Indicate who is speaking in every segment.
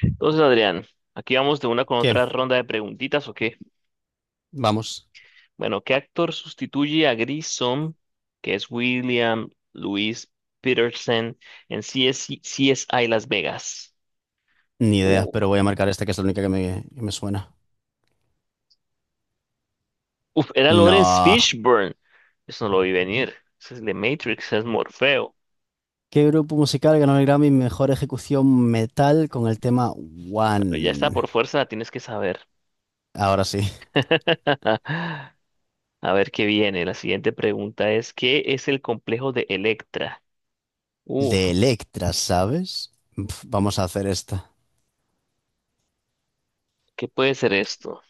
Speaker 1: Entonces, Adrián, aquí vamos de una con
Speaker 2: ¿Qué?
Speaker 1: otra ronda de preguntitas, ¿o qué?
Speaker 2: Vamos.
Speaker 1: Bueno, ¿qué actor sustituye a Grissom, que es William Louis Peterson, en CS CSI Las Vegas?
Speaker 2: Ni idea,
Speaker 1: Uh,
Speaker 2: pero voy a marcar esta que es la única que me suena.
Speaker 1: Era Lawrence
Speaker 2: No.
Speaker 1: Fishburne. Eso no lo vi venir. Ese es de Matrix, es Morfeo.
Speaker 2: ¿Qué grupo musical ganó el Grammy Mejor Ejecución Metal con el tema
Speaker 1: Pero ya está,
Speaker 2: One?
Speaker 1: por fuerza la tienes que saber.
Speaker 2: Ahora sí.
Speaker 1: A ver qué viene. La siguiente pregunta es, ¿qué es el complejo de Electra? Uf,
Speaker 2: De Electra, ¿sabes? Pf, vamos a hacer esta.
Speaker 1: ¿Qué puede ser esto?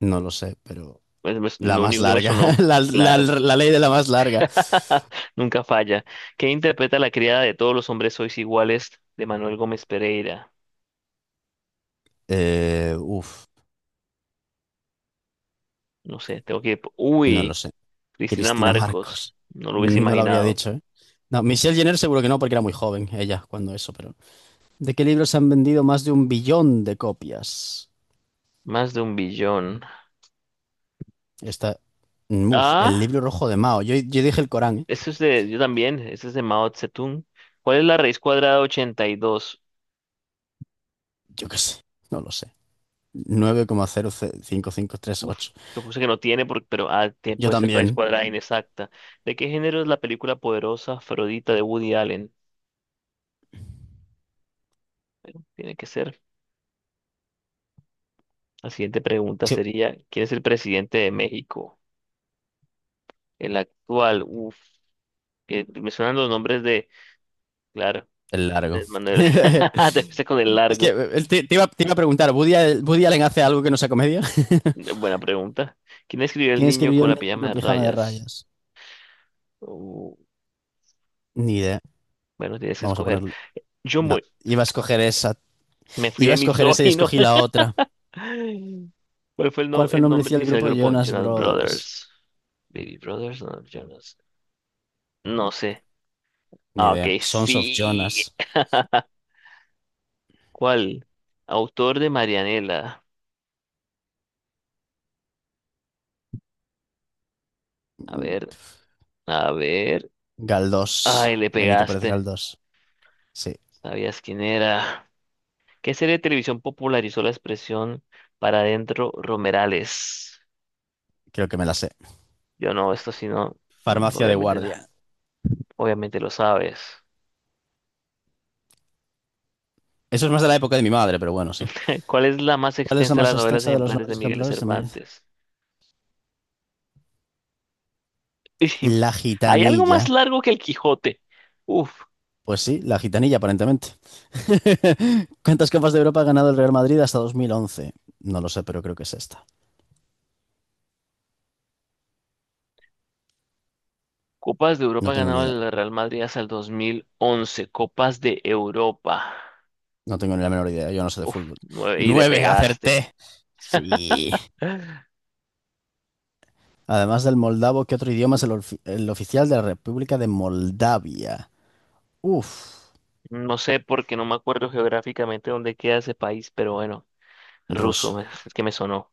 Speaker 2: No lo sé, pero
Speaker 1: Pues
Speaker 2: la
Speaker 1: lo
Speaker 2: más
Speaker 1: único que me
Speaker 2: larga.
Speaker 1: sonó.
Speaker 2: La, la-
Speaker 1: Claro.
Speaker 2: la ley de la más larga.
Speaker 1: Nunca falla. ¿Qué interpreta la criada de Todos los hombres sois iguales de Manuel Gómez Pereira?
Speaker 2: Eh, uf,
Speaker 1: No sé, tengo que...
Speaker 2: no lo
Speaker 1: Uy,
Speaker 2: sé.
Speaker 1: Cristina
Speaker 2: Cristina
Speaker 1: Marcos.
Speaker 2: Marcos.
Speaker 1: No lo hubiese
Speaker 2: No lo habría
Speaker 1: imaginado.
Speaker 2: dicho, ¿eh? No, Michelle Jenner seguro que no, porque era muy joven ella cuando eso, pero... ¿De qué libros han vendido más de un billón de copias?
Speaker 1: Más de un billón.
Speaker 2: Esta. Uf, el
Speaker 1: Ah,
Speaker 2: libro rojo de Mao. Yo dije el Corán, ¿eh?
Speaker 1: eso es de... Yo también. Eso es de Mao Zedong. ¿Cuál es la raíz cuadrada de 82?
Speaker 2: Yo qué sé, no lo sé. Nueve coma cero cinco cinco tres
Speaker 1: Uf,
Speaker 2: ocho.
Speaker 1: yo puse que no tiene, pero ah,
Speaker 2: Yo
Speaker 1: puede ser raíz
Speaker 2: también.
Speaker 1: cuadrada inexacta. ¿De qué género es la película Poderosa Afrodita de Woody Allen? Tiene que ser. La siguiente pregunta
Speaker 2: Sí,
Speaker 1: sería, ¿quién es el presidente de México? El actual, que me suenan los nombres de, claro,
Speaker 2: el largo.
Speaker 1: de Manuel, debe ser con el
Speaker 2: Es que
Speaker 1: largo.
Speaker 2: te iba a preguntar, ¿Woody, Woody Allen hace algo que no sea comedia?
Speaker 1: Buena pregunta. ¿Quién escribió El
Speaker 2: ¿Quién
Speaker 1: niño
Speaker 2: escribió
Speaker 1: con la
Speaker 2: el
Speaker 1: pijama
Speaker 2: libro
Speaker 1: de
Speaker 2: Pijama de
Speaker 1: rayas?
Speaker 2: Rayas?
Speaker 1: Uh,
Speaker 2: Ni idea.
Speaker 1: bueno, tienes que
Speaker 2: Vamos a
Speaker 1: escoger.
Speaker 2: ponerle.
Speaker 1: Yo
Speaker 2: No,
Speaker 1: voy,
Speaker 2: iba a escoger esa.
Speaker 1: me fui
Speaker 2: Iba
Speaker 1: de
Speaker 2: a escoger esa y
Speaker 1: misógino.
Speaker 2: escogí la otra.
Speaker 1: ¿Cuál fue el,
Speaker 2: ¿Cuál
Speaker 1: no-
Speaker 2: fue el
Speaker 1: el
Speaker 2: nombre
Speaker 1: nombre
Speaker 2: inicial del
Speaker 1: inicial del
Speaker 2: grupo
Speaker 1: grupo
Speaker 2: Jonas
Speaker 1: Jonas
Speaker 2: Brothers?
Speaker 1: Brothers? Baby Brothers, no, Jonas. No sé.
Speaker 2: Ni
Speaker 1: Ah, ok,
Speaker 2: idea. Sons of
Speaker 1: sí.
Speaker 2: Jonas.
Speaker 1: ¿Cuál? Autor de Marianela. A ver, a ver.
Speaker 2: Galdós.
Speaker 1: Ay, le
Speaker 2: Benito Pérez
Speaker 1: pegaste.
Speaker 2: Galdós. Sí,
Speaker 1: ¿Sabías quién era? ¿Qué serie de televisión popularizó la expresión "para adentro, Romerales"?
Speaker 2: creo que me la sé.
Speaker 1: Yo no, esto sí no. Mm,
Speaker 2: Farmacia de
Speaker 1: obviamente,
Speaker 2: guardia.
Speaker 1: obviamente lo sabes.
Speaker 2: Eso es más de la época de mi madre, pero bueno, sí.
Speaker 1: ¿Cuál es la más
Speaker 2: ¿Cuál es la
Speaker 1: extensa de
Speaker 2: más
Speaker 1: las Novelas
Speaker 2: extensa de los
Speaker 1: ejemplares de
Speaker 2: nombres
Speaker 1: Miguel
Speaker 2: ejemplares de Menez?
Speaker 1: Cervantes?
Speaker 2: La
Speaker 1: ¿Hay algo más
Speaker 2: gitanilla.
Speaker 1: largo que el Quijote? Uf,
Speaker 2: Pues sí, la gitanilla, aparentemente. ¿Cuántas copas de Europa ha ganado el Real Madrid hasta 2011? No lo sé, pero creo que es esta.
Speaker 1: Copas de Europa
Speaker 2: No tengo ni
Speaker 1: ganaba
Speaker 2: idea.
Speaker 1: el Real Madrid hasta el 2011, Copas de Europa.
Speaker 2: No tengo ni la menor idea. Yo no sé de
Speaker 1: Uf,
Speaker 2: fútbol.
Speaker 1: nueve, y le
Speaker 2: Nueve,
Speaker 1: pegaste.
Speaker 2: acerté. Sí. Además del moldavo, ¿qué otro idioma es el oficial de la República de Moldavia? Uf,
Speaker 1: No sé porque no me acuerdo geográficamente dónde queda ese país, pero bueno. Ruso,
Speaker 2: ruso.
Speaker 1: es que me sonó.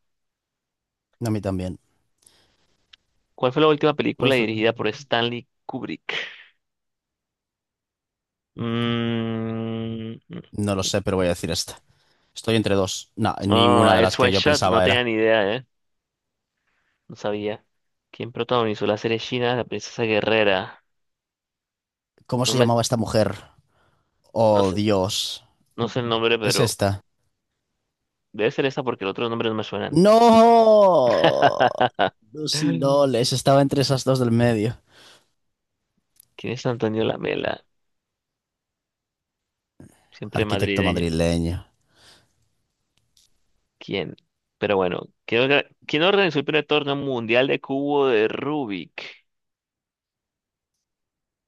Speaker 2: A mí también.
Speaker 1: ¿Cuál fue la última
Speaker 2: ¿Cuál
Speaker 1: película
Speaker 2: fue?
Speaker 1: dirigida por Stanley Kubrick? Mm,
Speaker 2: No lo sé, pero voy a decir esta. Estoy entre dos. No,
Speaker 1: oh,
Speaker 2: ninguna de las
Speaker 1: Eyes
Speaker 2: que
Speaker 1: Wide
Speaker 2: yo
Speaker 1: Shut, no
Speaker 2: pensaba
Speaker 1: tenía
Speaker 2: era.
Speaker 1: ni idea, ¿eh? No sabía. ¿Quién protagonizó la serie china La Princesa Guerrera?
Speaker 2: ¿Cómo
Speaker 1: No
Speaker 2: se
Speaker 1: me,
Speaker 2: llamaba esta mujer?
Speaker 1: no
Speaker 2: Oh,
Speaker 1: sé,
Speaker 2: Dios.
Speaker 1: no sé el nombre,
Speaker 2: Es
Speaker 1: pero
Speaker 2: esta.
Speaker 1: debe ser esa porque los otros nombres no me suenan.
Speaker 2: ¡No! Lucy
Speaker 1: ¿Quién
Speaker 2: Loles. Estaba entre esas dos del medio.
Speaker 1: es Antonio Lamela? Siempre
Speaker 2: Arquitecto
Speaker 1: madrileño.
Speaker 2: madrileño.
Speaker 1: ¿Quién? Pero bueno, ¿quién, quién organizó el primer torneo mundial de cubo de Rubik?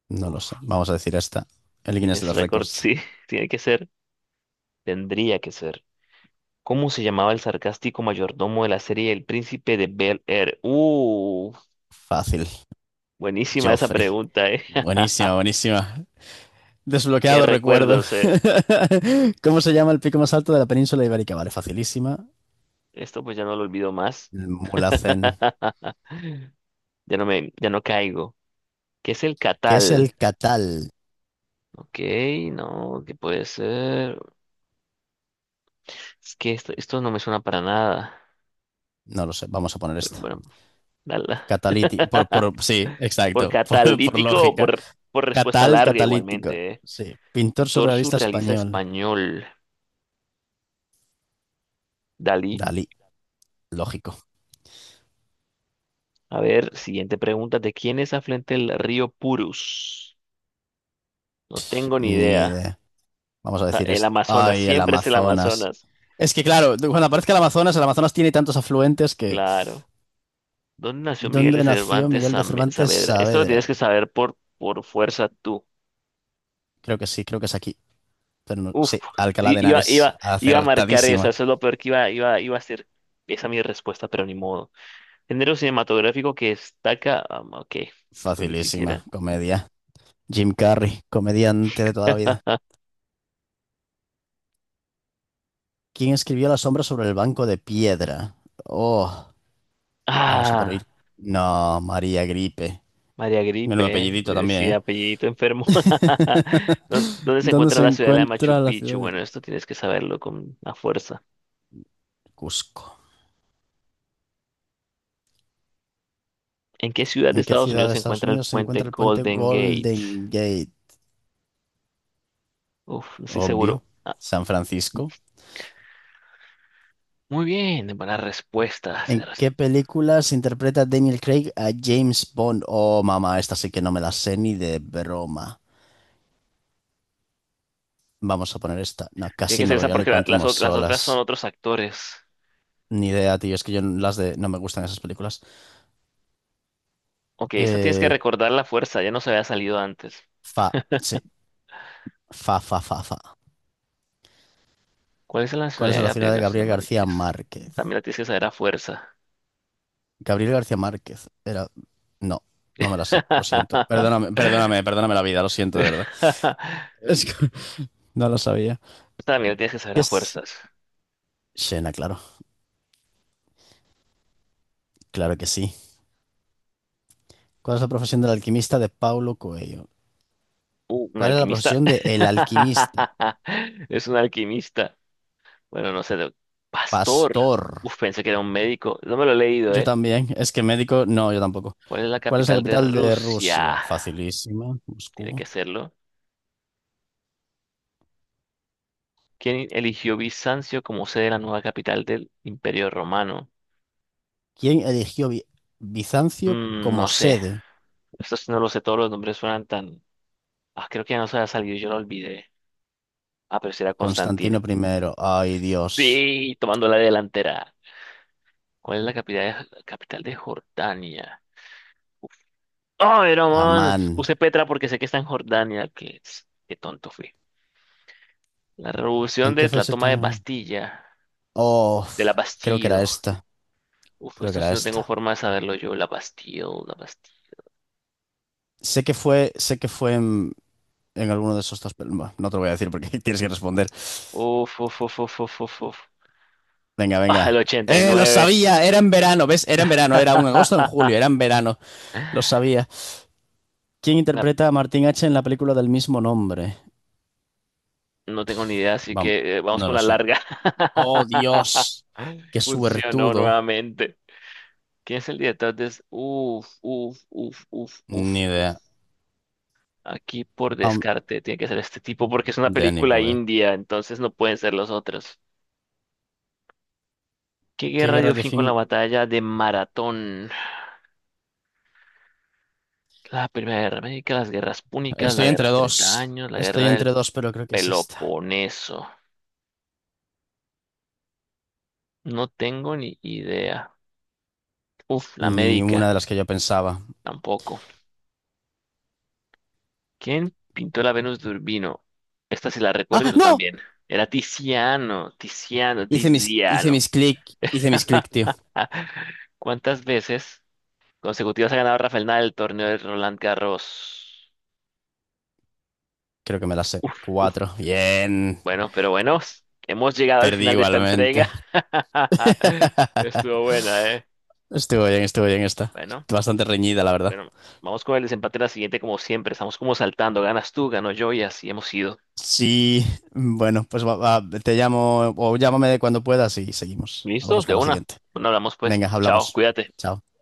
Speaker 2: No lo
Speaker 1: Uf.
Speaker 2: sé. Vamos a decir esta. El Guinness de
Speaker 1: Guinness
Speaker 2: los
Speaker 1: Record,
Speaker 2: récords.
Speaker 1: sí, tiene que ser, tendría que ser. ¿Cómo se llamaba el sarcástico mayordomo de la serie El Príncipe de Bel Air?
Speaker 2: Fácil.
Speaker 1: Buenísima esa
Speaker 2: Joffrey.
Speaker 1: pregunta, ¿eh?
Speaker 2: Buenísima, buenísima.
Speaker 1: Qué
Speaker 2: Desbloqueado recuerdo.
Speaker 1: recuerdos, eh.
Speaker 2: ¿Cómo se llama el pico más alto de la península ibérica? Vale, facilísima.
Speaker 1: Esto pues ya no lo olvido más.
Speaker 2: El Mulhacén.
Speaker 1: Ya no caigo. ¿Qué es el
Speaker 2: ¿Qué es el
Speaker 1: catal?
Speaker 2: Catal?
Speaker 1: Ok, no, ¿qué puede ser? Es que esto no me suena para nada.
Speaker 2: No lo sé, vamos a poner
Speaker 1: Pero
Speaker 2: esta.
Speaker 1: bueno, dala.
Speaker 2: Catalítico. Sí,
Speaker 1: ¿Por
Speaker 2: exacto, por
Speaker 1: catalítico o
Speaker 2: lógica.
Speaker 1: por respuesta larga
Speaker 2: Catalítico.
Speaker 1: igualmente, eh?
Speaker 2: Sí, pintor
Speaker 1: Pintor
Speaker 2: surrealista
Speaker 1: surrealista
Speaker 2: español.
Speaker 1: español. Dalí.
Speaker 2: Dalí, lógico.
Speaker 1: A ver, siguiente pregunta. ¿De quién es afluente el río Purus? No
Speaker 2: Sí,
Speaker 1: tengo ni
Speaker 2: ni
Speaker 1: idea.
Speaker 2: idea. Vamos a
Speaker 1: O sea,
Speaker 2: decir
Speaker 1: el
Speaker 2: esto.
Speaker 1: Amazonas,
Speaker 2: Ay, el
Speaker 1: siempre es el
Speaker 2: Amazonas.
Speaker 1: Amazonas.
Speaker 2: Es que claro, cuando aparezca el Amazonas tiene tantos afluentes que...
Speaker 1: Claro. ¿Dónde nació Miguel de
Speaker 2: ¿Dónde nació
Speaker 1: Cervantes
Speaker 2: Miguel de Cervantes
Speaker 1: Saavedra? Esto lo
Speaker 2: Saavedra?
Speaker 1: tienes que saber por fuerza tú.
Speaker 2: Creo que sí, creo que es aquí.
Speaker 1: Uf,
Speaker 2: Sí, Alcalá de Henares,
Speaker 1: iba a marcar esa,
Speaker 2: acertadísima.
Speaker 1: eso es lo peor que iba a hacer. Esa mi respuesta, pero ni modo. Género cinematográfico que destaca. Ah, ok, esto ni
Speaker 2: Facilísima,
Speaker 1: siquiera.
Speaker 2: comedia. Jim Carrey, comediante de toda la vida. ¿Quién escribió La sombra sobre el banco de piedra? Oh, vamos a por
Speaker 1: Ah.
Speaker 2: ir. No, María Gripe.
Speaker 1: María
Speaker 2: Menudo
Speaker 1: Gripe,
Speaker 2: apellidito también,
Speaker 1: sí,
Speaker 2: ¿eh?
Speaker 1: apellidito enfermo. ¿Dónde se
Speaker 2: ¿Dónde
Speaker 1: encuentra
Speaker 2: se
Speaker 1: la ciudad de Machu
Speaker 2: encuentra la ciudad
Speaker 1: Picchu?
Speaker 2: de
Speaker 1: Bueno, esto tienes que saberlo con la fuerza.
Speaker 2: Cusco?
Speaker 1: ¿En qué ciudad de
Speaker 2: ¿En qué
Speaker 1: Estados
Speaker 2: ciudad
Speaker 1: Unidos
Speaker 2: de
Speaker 1: se
Speaker 2: Estados
Speaker 1: encuentra el
Speaker 2: Unidos se
Speaker 1: puente
Speaker 2: encuentra el puente
Speaker 1: Golden Gate?
Speaker 2: Golden Gate?
Speaker 1: Uf, no estoy seguro.
Speaker 2: Obvio.
Speaker 1: Ah,
Speaker 2: San Francisco.
Speaker 1: muy bien, buena respuesta.
Speaker 2: ¿En qué películas interpreta Daniel Craig a James Bond? Oh, mamá, esta sí que no me la sé ni de broma. Vamos a poner esta. No,
Speaker 1: Tiene que
Speaker 2: Casino
Speaker 1: ser esa
Speaker 2: Royale y
Speaker 1: porque
Speaker 2: Quantum of
Speaker 1: las otras son
Speaker 2: Solace.
Speaker 1: otros actores.
Speaker 2: Ni idea, tío. Es que yo las de... No me gustan esas películas.
Speaker 1: Ok, esta tienes que
Speaker 2: Eh,
Speaker 1: recordar la fuerza, ya no se había salido antes.
Speaker 2: fa. Sí. Fa, fa, fa, fa.
Speaker 1: ¿Cuál es la
Speaker 2: ¿Cuál es
Speaker 1: nacionalidad de
Speaker 2: la
Speaker 1: Gabriel
Speaker 2: ciudad de
Speaker 1: García
Speaker 2: Gabriel García
Speaker 1: Márquez?
Speaker 2: Márquez?
Speaker 1: También la tienes que saber a fuerza.
Speaker 2: Gabriel García Márquez. Era... No, no me la sé. Lo siento. Perdóname, perdóname, perdóname la vida. Lo siento, de verdad. Es que no lo sabía.
Speaker 1: Esta también la tienes que saber a
Speaker 2: Es...
Speaker 1: fuerzas.
Speaker 2: Xena, claro. Claro que sí. ¿Cuál es la profesión del alquimista de Paulo Coelho?
Speaker 1: Un
Speaker 2: ¿Cuál es la
Speaker 1: alquimista.
Speaker 2: profesión de el alquimista?
Speaker 1: Es un alquimista. Bueno, no sé. Pastor.
Speaker 2: Pastor.
Speaker 1: Uf, pensé que era un médico. No me lo he leído,
Speaker 2: Yo
Speaker 1: ¿eh?
Speaker 2: también. Es que médico, no, yo tampoco.
Speaker 1: ¿Cuál es la
Speaker 2: ¿Cuál es la
Speaker 1: capital de
Speaker 2: capital de
Speaker 1: Rusia?
Speaker 2: Rusia? Facilísima,
Speaker 1: Tiene
Speaker 2: Moscú.
Speaker 1: que serlo. ¿Quién eligió Bizancio como sede de la nueva capital del Imperio Romano?
Speaker 2: ¿Quién eligió Bi- ¿Bizancio
Speaker 1: Mm,
Speaker 2: como
Speaker 1: no sé.
Speaker 2: sede?
Speaker 1: Esto sí no lo sé. Todos los nombres suenan tan. Ah, creo que ya no se ha salido. Yo lo olvidé. Ah, pero sí era Constantino.
Speaker 2: Constantino I. Ay, Dios.
Speaker 1: Sí, tomando la delantera. ¿Cuál es la capital de Jordania? Ay, no, man.
Speaker 2: Amán.
Speaker 1: Puse Petra porque sé que está en Jordania. Que, qué tonto fui. La revolución
Speaker 2: ¿En qué
Speaker 1: de la
Speaker 2: fecha?
Speaker 1: toma de
Speaker 2: Ta-
Speaker 1: Bastilla.
Speaker 2: Oh,
Speaker 1: De la
Speaker 2: creo que
Speaker 1: Bastille.
Speaker 2: era esta.
Speaker 1: Uf,
Speaker 2: Creo que
Speaker 1: esto
Speaker 2: era
Speaker 1: sí no tengo
Speaker 2: esta.
Speaker 1: forma de saberlo yo. La Bastille, la Bastille.
Speaker 2: Sé que fue en alguno de esos dos, pero bueno, no te lo voy a decir porque tienes que responder.
Speaker 1: Uf, uf, uf, uf, uf, uf. Uf.
Speaker 2: Venga,
Speaker 1: Ah, el
Speaker 2: venga. Lo
Speaker 1: 89.
Speaker 2: sabía, era en verano, ¿ves? Era en verano, era un agosto o en julio, era en verano, lo sabía. ¿Quién
Speaker 1: La-
Speaker 2: interpreta a Martin H en la película del mismo nombre?
Speaker 1: no tengo ni idea, así
Speaker 2: Vamos,
Speaker 1: que vamos
Speaker 2: no
Speaker 1: con
Speaker 2: lo
Speaker 1: la
Speaker 2: sé.
Speaker 1: larga.
Speaker 2: Oh, Dios, qué
Speaker 1: Funcionó
Speaker 2: suertudo.
Speaker 1: nuevamente. ¿Quién es el director de... es- Uf, uf, uf, uf, uf.
Speaker 2: Ni idea.
Speaker 1: Aquí por
Speaker 2: Um,
Speaker 1: descarte tiene que ser este tipo porque es una
Speaker 2: Danny
Speaker 1: película
Speaker 2: Boyle.
Speaker 1: india, entonces no pueden ser los otros. ¿Qué
Speaker 2: ¿Qué
Speaker 1: guerra
Speaker 2: guerra
Speaker 1: dio
Speaker 2: de
Speaker 1: fin con la
Speaker 2: fin?
Speaker 1: batalla de Maratón? La Primera Guerra Médica, las guerras púnicas, la
Speaker 2: Estoy
Speaker 1: guerra
Speaker 2: entre
Speaker 1: de Treinta
Speaker 2: dos.
Speaker 1: años, la
Speaker 2: Estoy
Speaker 1: guerra del
Speaker 2: entre dos, pero creo que es esta.
Speaker 1: Peloponeso. No tengo ni idea. Uf, la médica,
Speaker 2: Ninguna de las que yo pensaba.
Speaker 1: tampoco. ¿Quién pintó la Venus de Urbino? Esta sí la recuerdo y
Speaker 2: ¡Ah,
Speaker 1: tú
Speaker 2: no!
Speaker 1: también. Era
Speaker 2: Hice mis, hice
Speaker 1: Tiziano.
Speaker 2: mis clic, hice mis clic, tío.
Speaker 1: ¿Cuántas veces consecutivas ha ganado Rafael Nadal el torneo de Roland Garros?
Speaker 2: Creo que me las sé.
Speaker 1: Uf,
Speaker 2: Cuatro. Bien.
Speaker 1: bueno, pero bueno, hemos llegado al
Speaker 2: Perdí
Speaker 1: final de esta
Speaker 2: igualmente.
Speaker 1: entrega. Estuvo buena, ¿eh?
Speaker 2: Estuvo bien esta.
Speaker 1: Bueno,
Speaker 2: Bastante reñida, la verdad.
Speaker 1: bueno, vamos con el desempate en la siguiente, como siempre. Estamos como saltando. Ganas tú, gano yo y así hemos ido.
Speaker 2: Sí, bueno, pues va, te llamo o llámame cuando puedas y seguimos.
Speaker 1: ¿Listo?
Speaker 2: Vamos
Speaker 1: De
Speaker 2: con la
Speaker 1: una.
Speaker 2: siguiente.
Speaker 1: Bueno, hablamos pues.
Speaker 2: Venga,
Speaker 1: Chao,
Speaker 2: hablamos.
Speaker 1: cuídate.
Speaker 2: Chao.